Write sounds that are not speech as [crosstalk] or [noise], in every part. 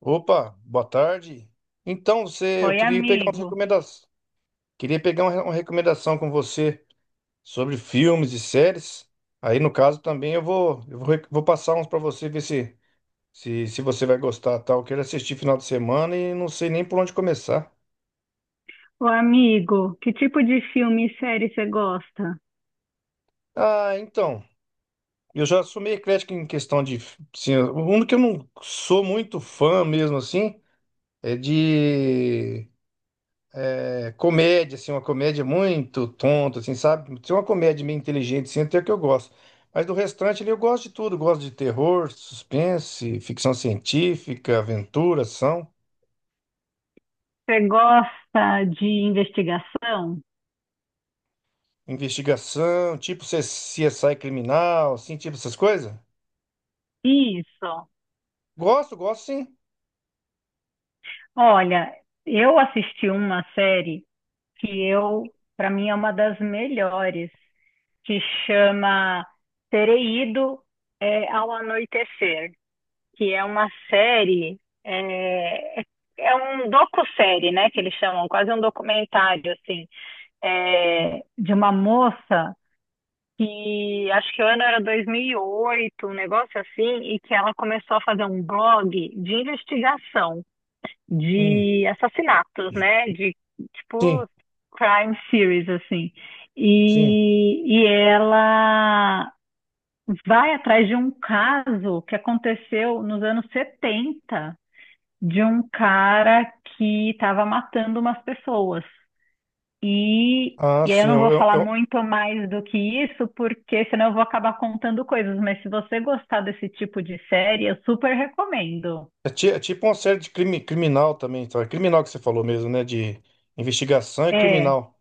Opa, boa tarde. Então, eu Oi, queria pegar umas amigo. recomendações, queria pegar uma recomendação com você sobre filmes e séries. Aí, no caso, também vou passar uns para você ver se você vai gostar, tal. Eu quero assistir final de semana e não sei nem por onde começar. Ô, amigo, que tipo de filme e série você gosta? Ah, então, eu já sou meio eclético em questão de, assim, o único que eu não sou muito fã mesmo assim é de é, comédia, assim, uma comédia muito tonta, assim, sabe? Se é uma comédia meio inteligente, assim, até que eu gosto. Mas do restante ali eu gosto de tudo, gosto de terror, suspense, ficção científica, aventura, ação, Você gosta de investigação? investigação, tipo CSI criminal, assim, tipo essas coisas. Isso. Gosto, gosto sim. Olha, eu assisti uma série que eu, para mim, é uma das melhores, que chama Terei Ido ao Anoitecer, que é uma série, é um docu-série, né, que eles chamam, quase um documentário, assim, de uma moça que acho que o ano era 2008, um negócio assim, e que ela começou a fazer um blog de investigação Hum, de assassinatos, né? De sim, tipo crime series assim. sim. E ela vai atrás de um caso que aconteceu nos anos 70 de um cara que estava matando umas pessoas. E, Ah, e aí eu sim. não vou falar muito mais do que isso, porque senão eu vou acabar contando coisas. Mas se você gostar desse tipo de série, eu super recomendo. É é tipo uma série de crime, criminal também, tá? Criminal que você falou mesmo, né? De investigação e É, criminal.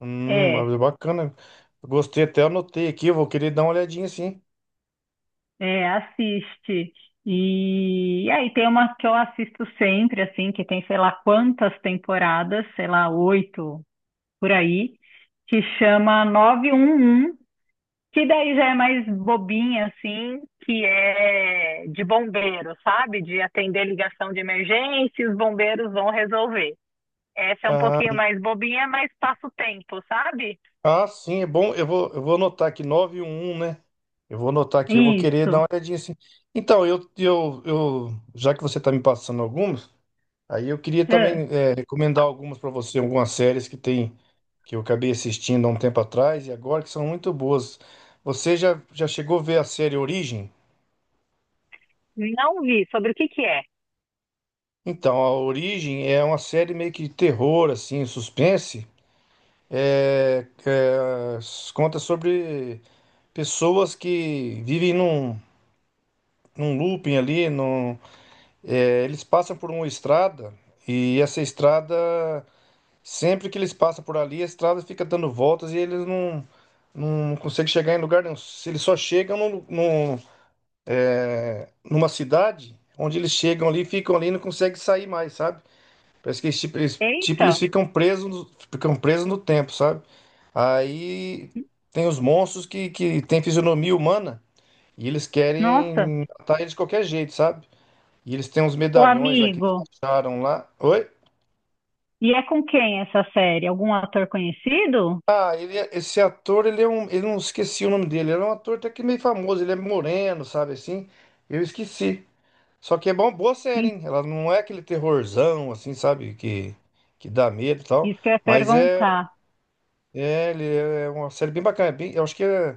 Mas é, é bacana. Gostei até, anotei aqui, eu vou querer dar uma olhadinha sim. é, assiste. E aí tem uma que eu assisto sempre, assim, que tem sei lá quantas temporadas, sei lá, oito por aí, que chama 911. Que daí já é mais bobinha, assim, que é de bombeiro, sabe? De atender ligação de emergência, e os bombeiros vão resolver. Essa é um Ah, pouquinho mais bobinha, mas passa o tempo, sabe? ah, sim, é bom. Eu vou anotar aqui nove e um, né? Eu vou anotar aqui, eu vou querer dar uma Isso. olhadinha assim. Então, já que você está me passando algumas, aí eu queria É. também é, recomendar algumas para você, algumas séries que tem que eu acabei assistindo há um tempo atrás e agora que são muito boas. Você já chegou a ver a série Origem? Não vi. Sobre o que que é? Então, a Origem é uma série meio que de terror, assim, suspense. É, é, conta sobre pessoas que vivem num looping ali, é, eles passam por uma estrada e essa estrada, sempre que eles passam por ali, a estrada fica dando voltas e eles não, não conseguem chegar em lugar nenhum. Se eles só chegam numa cidade onde eles chegam ali, ficam ali e não conseguem sair mais, sabe? Parece que Eita. eles ficam presos ficam presos no tempo, sabe? Aí tem os monstros que têm fisionomia humana e eles Nossa, querem matar eles de qualquer jeito, sabe? E eles têm uns o medalhões lá que eles amigo. acharam lá. Oi? E é com quem essa série? Algum ator conhecido? Ah, ele, esse ator, ele é um. Eu não esqueci o nome dele. Ele é um ator até que meio famoso. Ele é moreno, sabe assim? Eu esqueci. Só que é bom, boa série, Sim. hein? Ela não é aquele terrorzão, assim, sabe? Que dá medo e tal. Isso que eu ia Mas é. perguntar. É, ele é é uma série bem bacana. É bem- eu acho que é-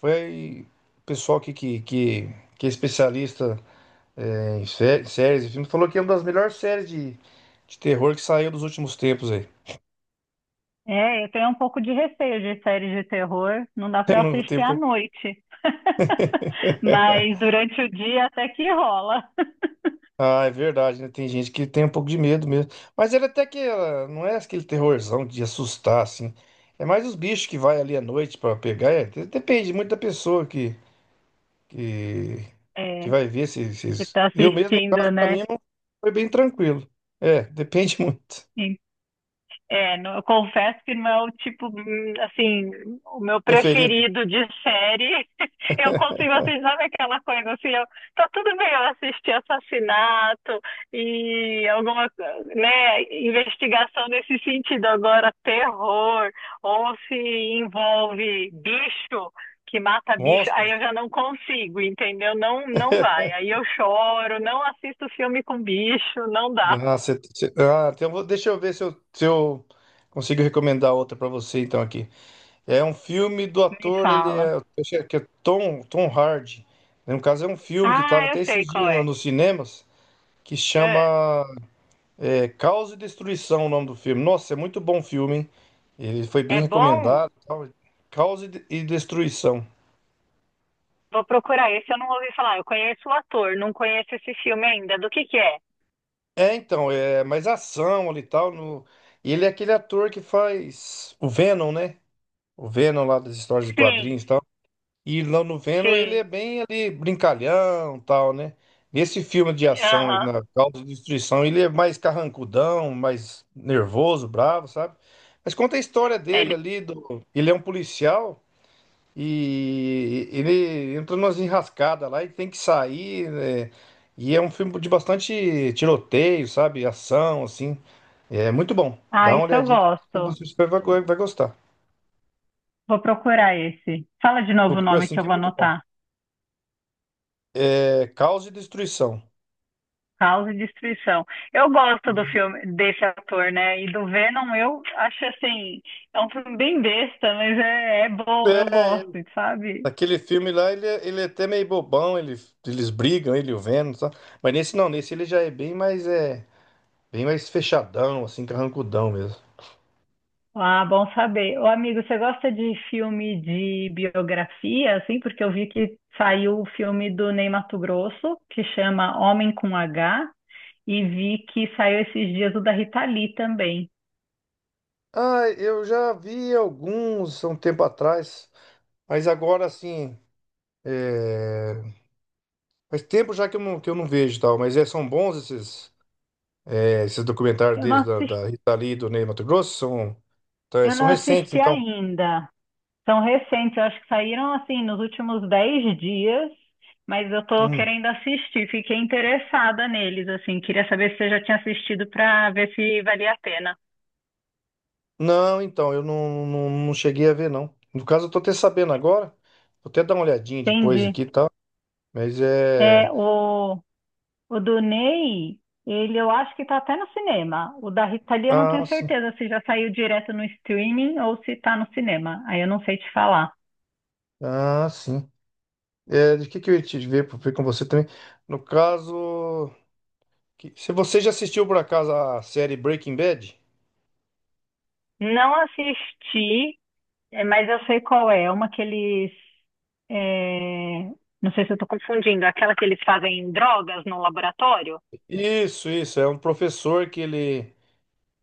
Foi o pessoal aqui que é especialista é, em séries e filmes, falou que é uma das melhores séries de terror que saiu dos últimos tempos aí. É, eu tenho um pouco de receio de séries de terror. Não dá [laughs] para No assistir à tempo. noite. [laughs] Mas durante o dia até que rola. Ah, é verdade, né? Tem gente que tem um pouco de medo mesmo. Mas ele até que ela não é aquele terrorzão de assustar, assim. É mais os bichos que vai ali à noite pra pegar. É, depende muito da pessoa que, que É, vai ver se que esses. tá Eu mesmo, no caso, assistindo, pra né? mim, não foi bem tranquilo. É, [laughs] depende muito. É, não- eu confesso que não é o tipo, assim, o meu Preferido? preferido de série. [laughs] Eu consigo assistir, sabe aquela coisa assim, eu, tá tudo bem eu assistir assassinato e né, investigação nesse sentido. Agora, terror, ou se envolve bicho, que mata bicho, aí Monstros? eu já não consigo, entendeu? Não, não vai. Aí eu choro, não assisto filme com bicho, não dá. Ah, ah, então deixa eu ver se eu consigo recomendar outra pra você, então, aqui. É um filme do Me ator, ele fala. é, eu acho que é Tom Hardy. No caso, é um filme que estava Ah, eu até sei esses qual dias é. nos cinemas, que chama Ah, é, Caos e Destruição, o nome do filme. Nossa, é muito bom filme, hein? Ele foi bem é bom? recomendado e tal. Caos e Destruição. Vou procurar esse, eu não ouvi falar. Eu conheço o ator, não conheço esse filme ainda. Do que é? É, então, é mais ação ali e tal. No... E ele é aquele ator que faz o Venom, né? O Venom lá das histórias de Sim, quadrinhos e tal. E lá no Venom ele sim. é bem ali brincalhão e tal, né? Nesse filme de ação, Aham. na Causa de Destruição, ele é mais carrancudão, mais nervoso, bravo, sabe? Mas conta a história dele Ele. ali, do... ele é um policial. E ele entra numas enrascadas lá e tem que sair, né? E é um filme de bastante tiroteio, sabe? Ação, assim. É muito bom. Dá Ah, uma isso eu olhadinha, gosto. você vai vai gostar. Vou procurar esse. Fala de novo o Procura, nome assim que eu que é vou muito bom. anotar. É Caos e Destruição. Caos e Destruição. Eu gosto do filme desse ator, né? E do Venom eu acho assim, é um filme bem besta, mas é bom, eu É, gosto, sabe? aquele filme lá, ele, ele é até meio bobão, ele, eles brigam, ele e o Venom, sabe? Mas nesse não, nesse ele já é, bem mais fechadão, assim, carrancudão mesmo. Ah, bom saber. Ô, amigo, você gosta de filme de biografia, assim? Porque eu vi que saiu o filme do Ney Matogrosso, que chama Homem com H, e vi que saiu esses dias o da Rita Lee também. Ah, eu já vi alguns há um tempo atrás, mas agora, assim, é, faz tempo já que eu não vejo e tal, mas é, são bons esses, é, esses documentários Eu não deles assisti, da Rita Lee e do Ney Matogrosso? São, tá, é, eu são não recentes, assisti então. ainda. São recentes, eu acho que saíram, assim, nos últimos 10 dias, mas eu tô Hum. querendo assistir. Fiquei interessada neles, assim. Queria saber se você já tinha assistido para ver se valia a pena. Não, então, eu não, não, não cheguei a ver, não. No caso, eu tô até sabendo agora. Vou até dar uma olhadinha depois Entendi. aqui e tal. Mas é. É, O do Ney, ele eu acho que tá até no cinema. O da Rita Lee eu não Ah, tenho sim. certeza se já saiu direto no streaming ou se tá no cinema. Aí eu não sei te falar. Ah, sim. É, de que eu ia te ver com você também? No caso. Que- Se você já assistiu por acaso a série Breaking Bad? Não assisti. É, mas eu sei qual é. É uma que eles. É, não sei se eu tô confundindo, aquela que eles fazem drogas no laboratório? Isso, isso. É um professor que ele.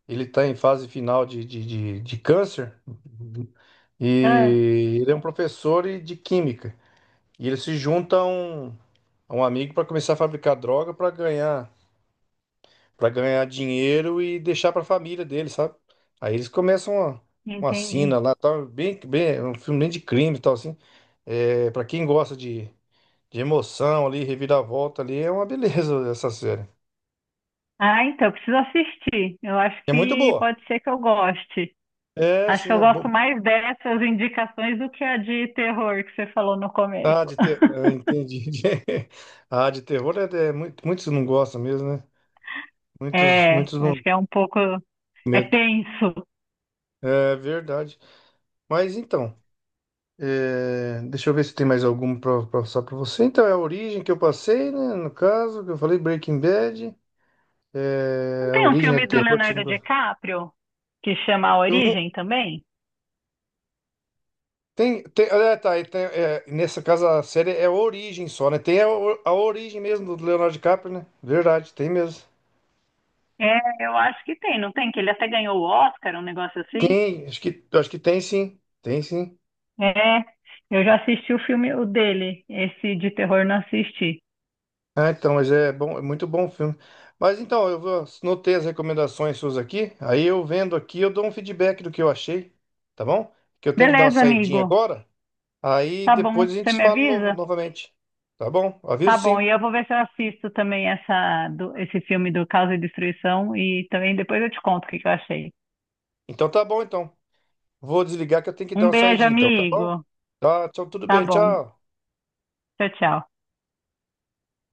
Ele está em fase final de câncer Ah, e ele é um professor de química. E ele se junta a um amigo para começar a fabricar droga para ganhar dinheiro e deixar para a família dele, sabe? Aí eles começam uma entendi. sina lá, tal, bem, bem, um filme bem de crime e tal, assim. É, para quem gosta de emoção ali, reviravolta ali, é uma beleza [laughs] essa série. Ah, então, eu preciso assistir. Eu acho É muito que boa. pode ser que eu goste. É, Acho que sim, eu gosto mais dessas indicações do que a de terror que você falou no ah, começo. de ter... eu [laughs] entendi. [laughs] Ah, de terror é, muitos não gostam mesmo, né? É, Muitos não acho têm que é um pouco. É medo. tenso. É verdade. Mas então, é, deixa eu ver se tem mais algum para passar para você. Então, é a origem que eu passei, né? No caso, que eu falei Breaking Bad. Não É, a tem um origem é de filme do terror que você não Leonardo gosta. DiCaprio que chama A Eu não. Origem também? Tem, tem, ah, tá, e tem, é, nessa casa a série é a origem só, né? Tem a origem mesmo do Leonardo DiCaprio, né? Verdade, tem mesmo. É, eu acho que tem, não tem? Que ele até ganhou o Oscar, um negócio assim? Tem, acho que tem sim. Tem sim. É, eu já assisti o filme o dele, esse de terror não assisti. Ah, então, mas é bom, é muito bom o filme. Mas então, eu vou, notei as recomendações suas aqui, aí eu vendo aqui, eu dou um feedback do que eu achei, tá bom? Que eu tenho que dar uma Beleza, saidinha amigo. agora, aí Tá bom, depois a gente você se me fala novo, avisa? novamente, tá bom? Tá Aviso bom, sim. e eu vou ver se eu assisto também essa, do- esse filme do Caos e Destruição e também depois eu te conto o que que eu achei. Então tá bom, então. Vou desligar que eu tenho que dar Um uma beijo, saidinha, então, tá bom? amigo. Tá, tchau, tudo Tá bem, bom. tchau. Tchau, tchau.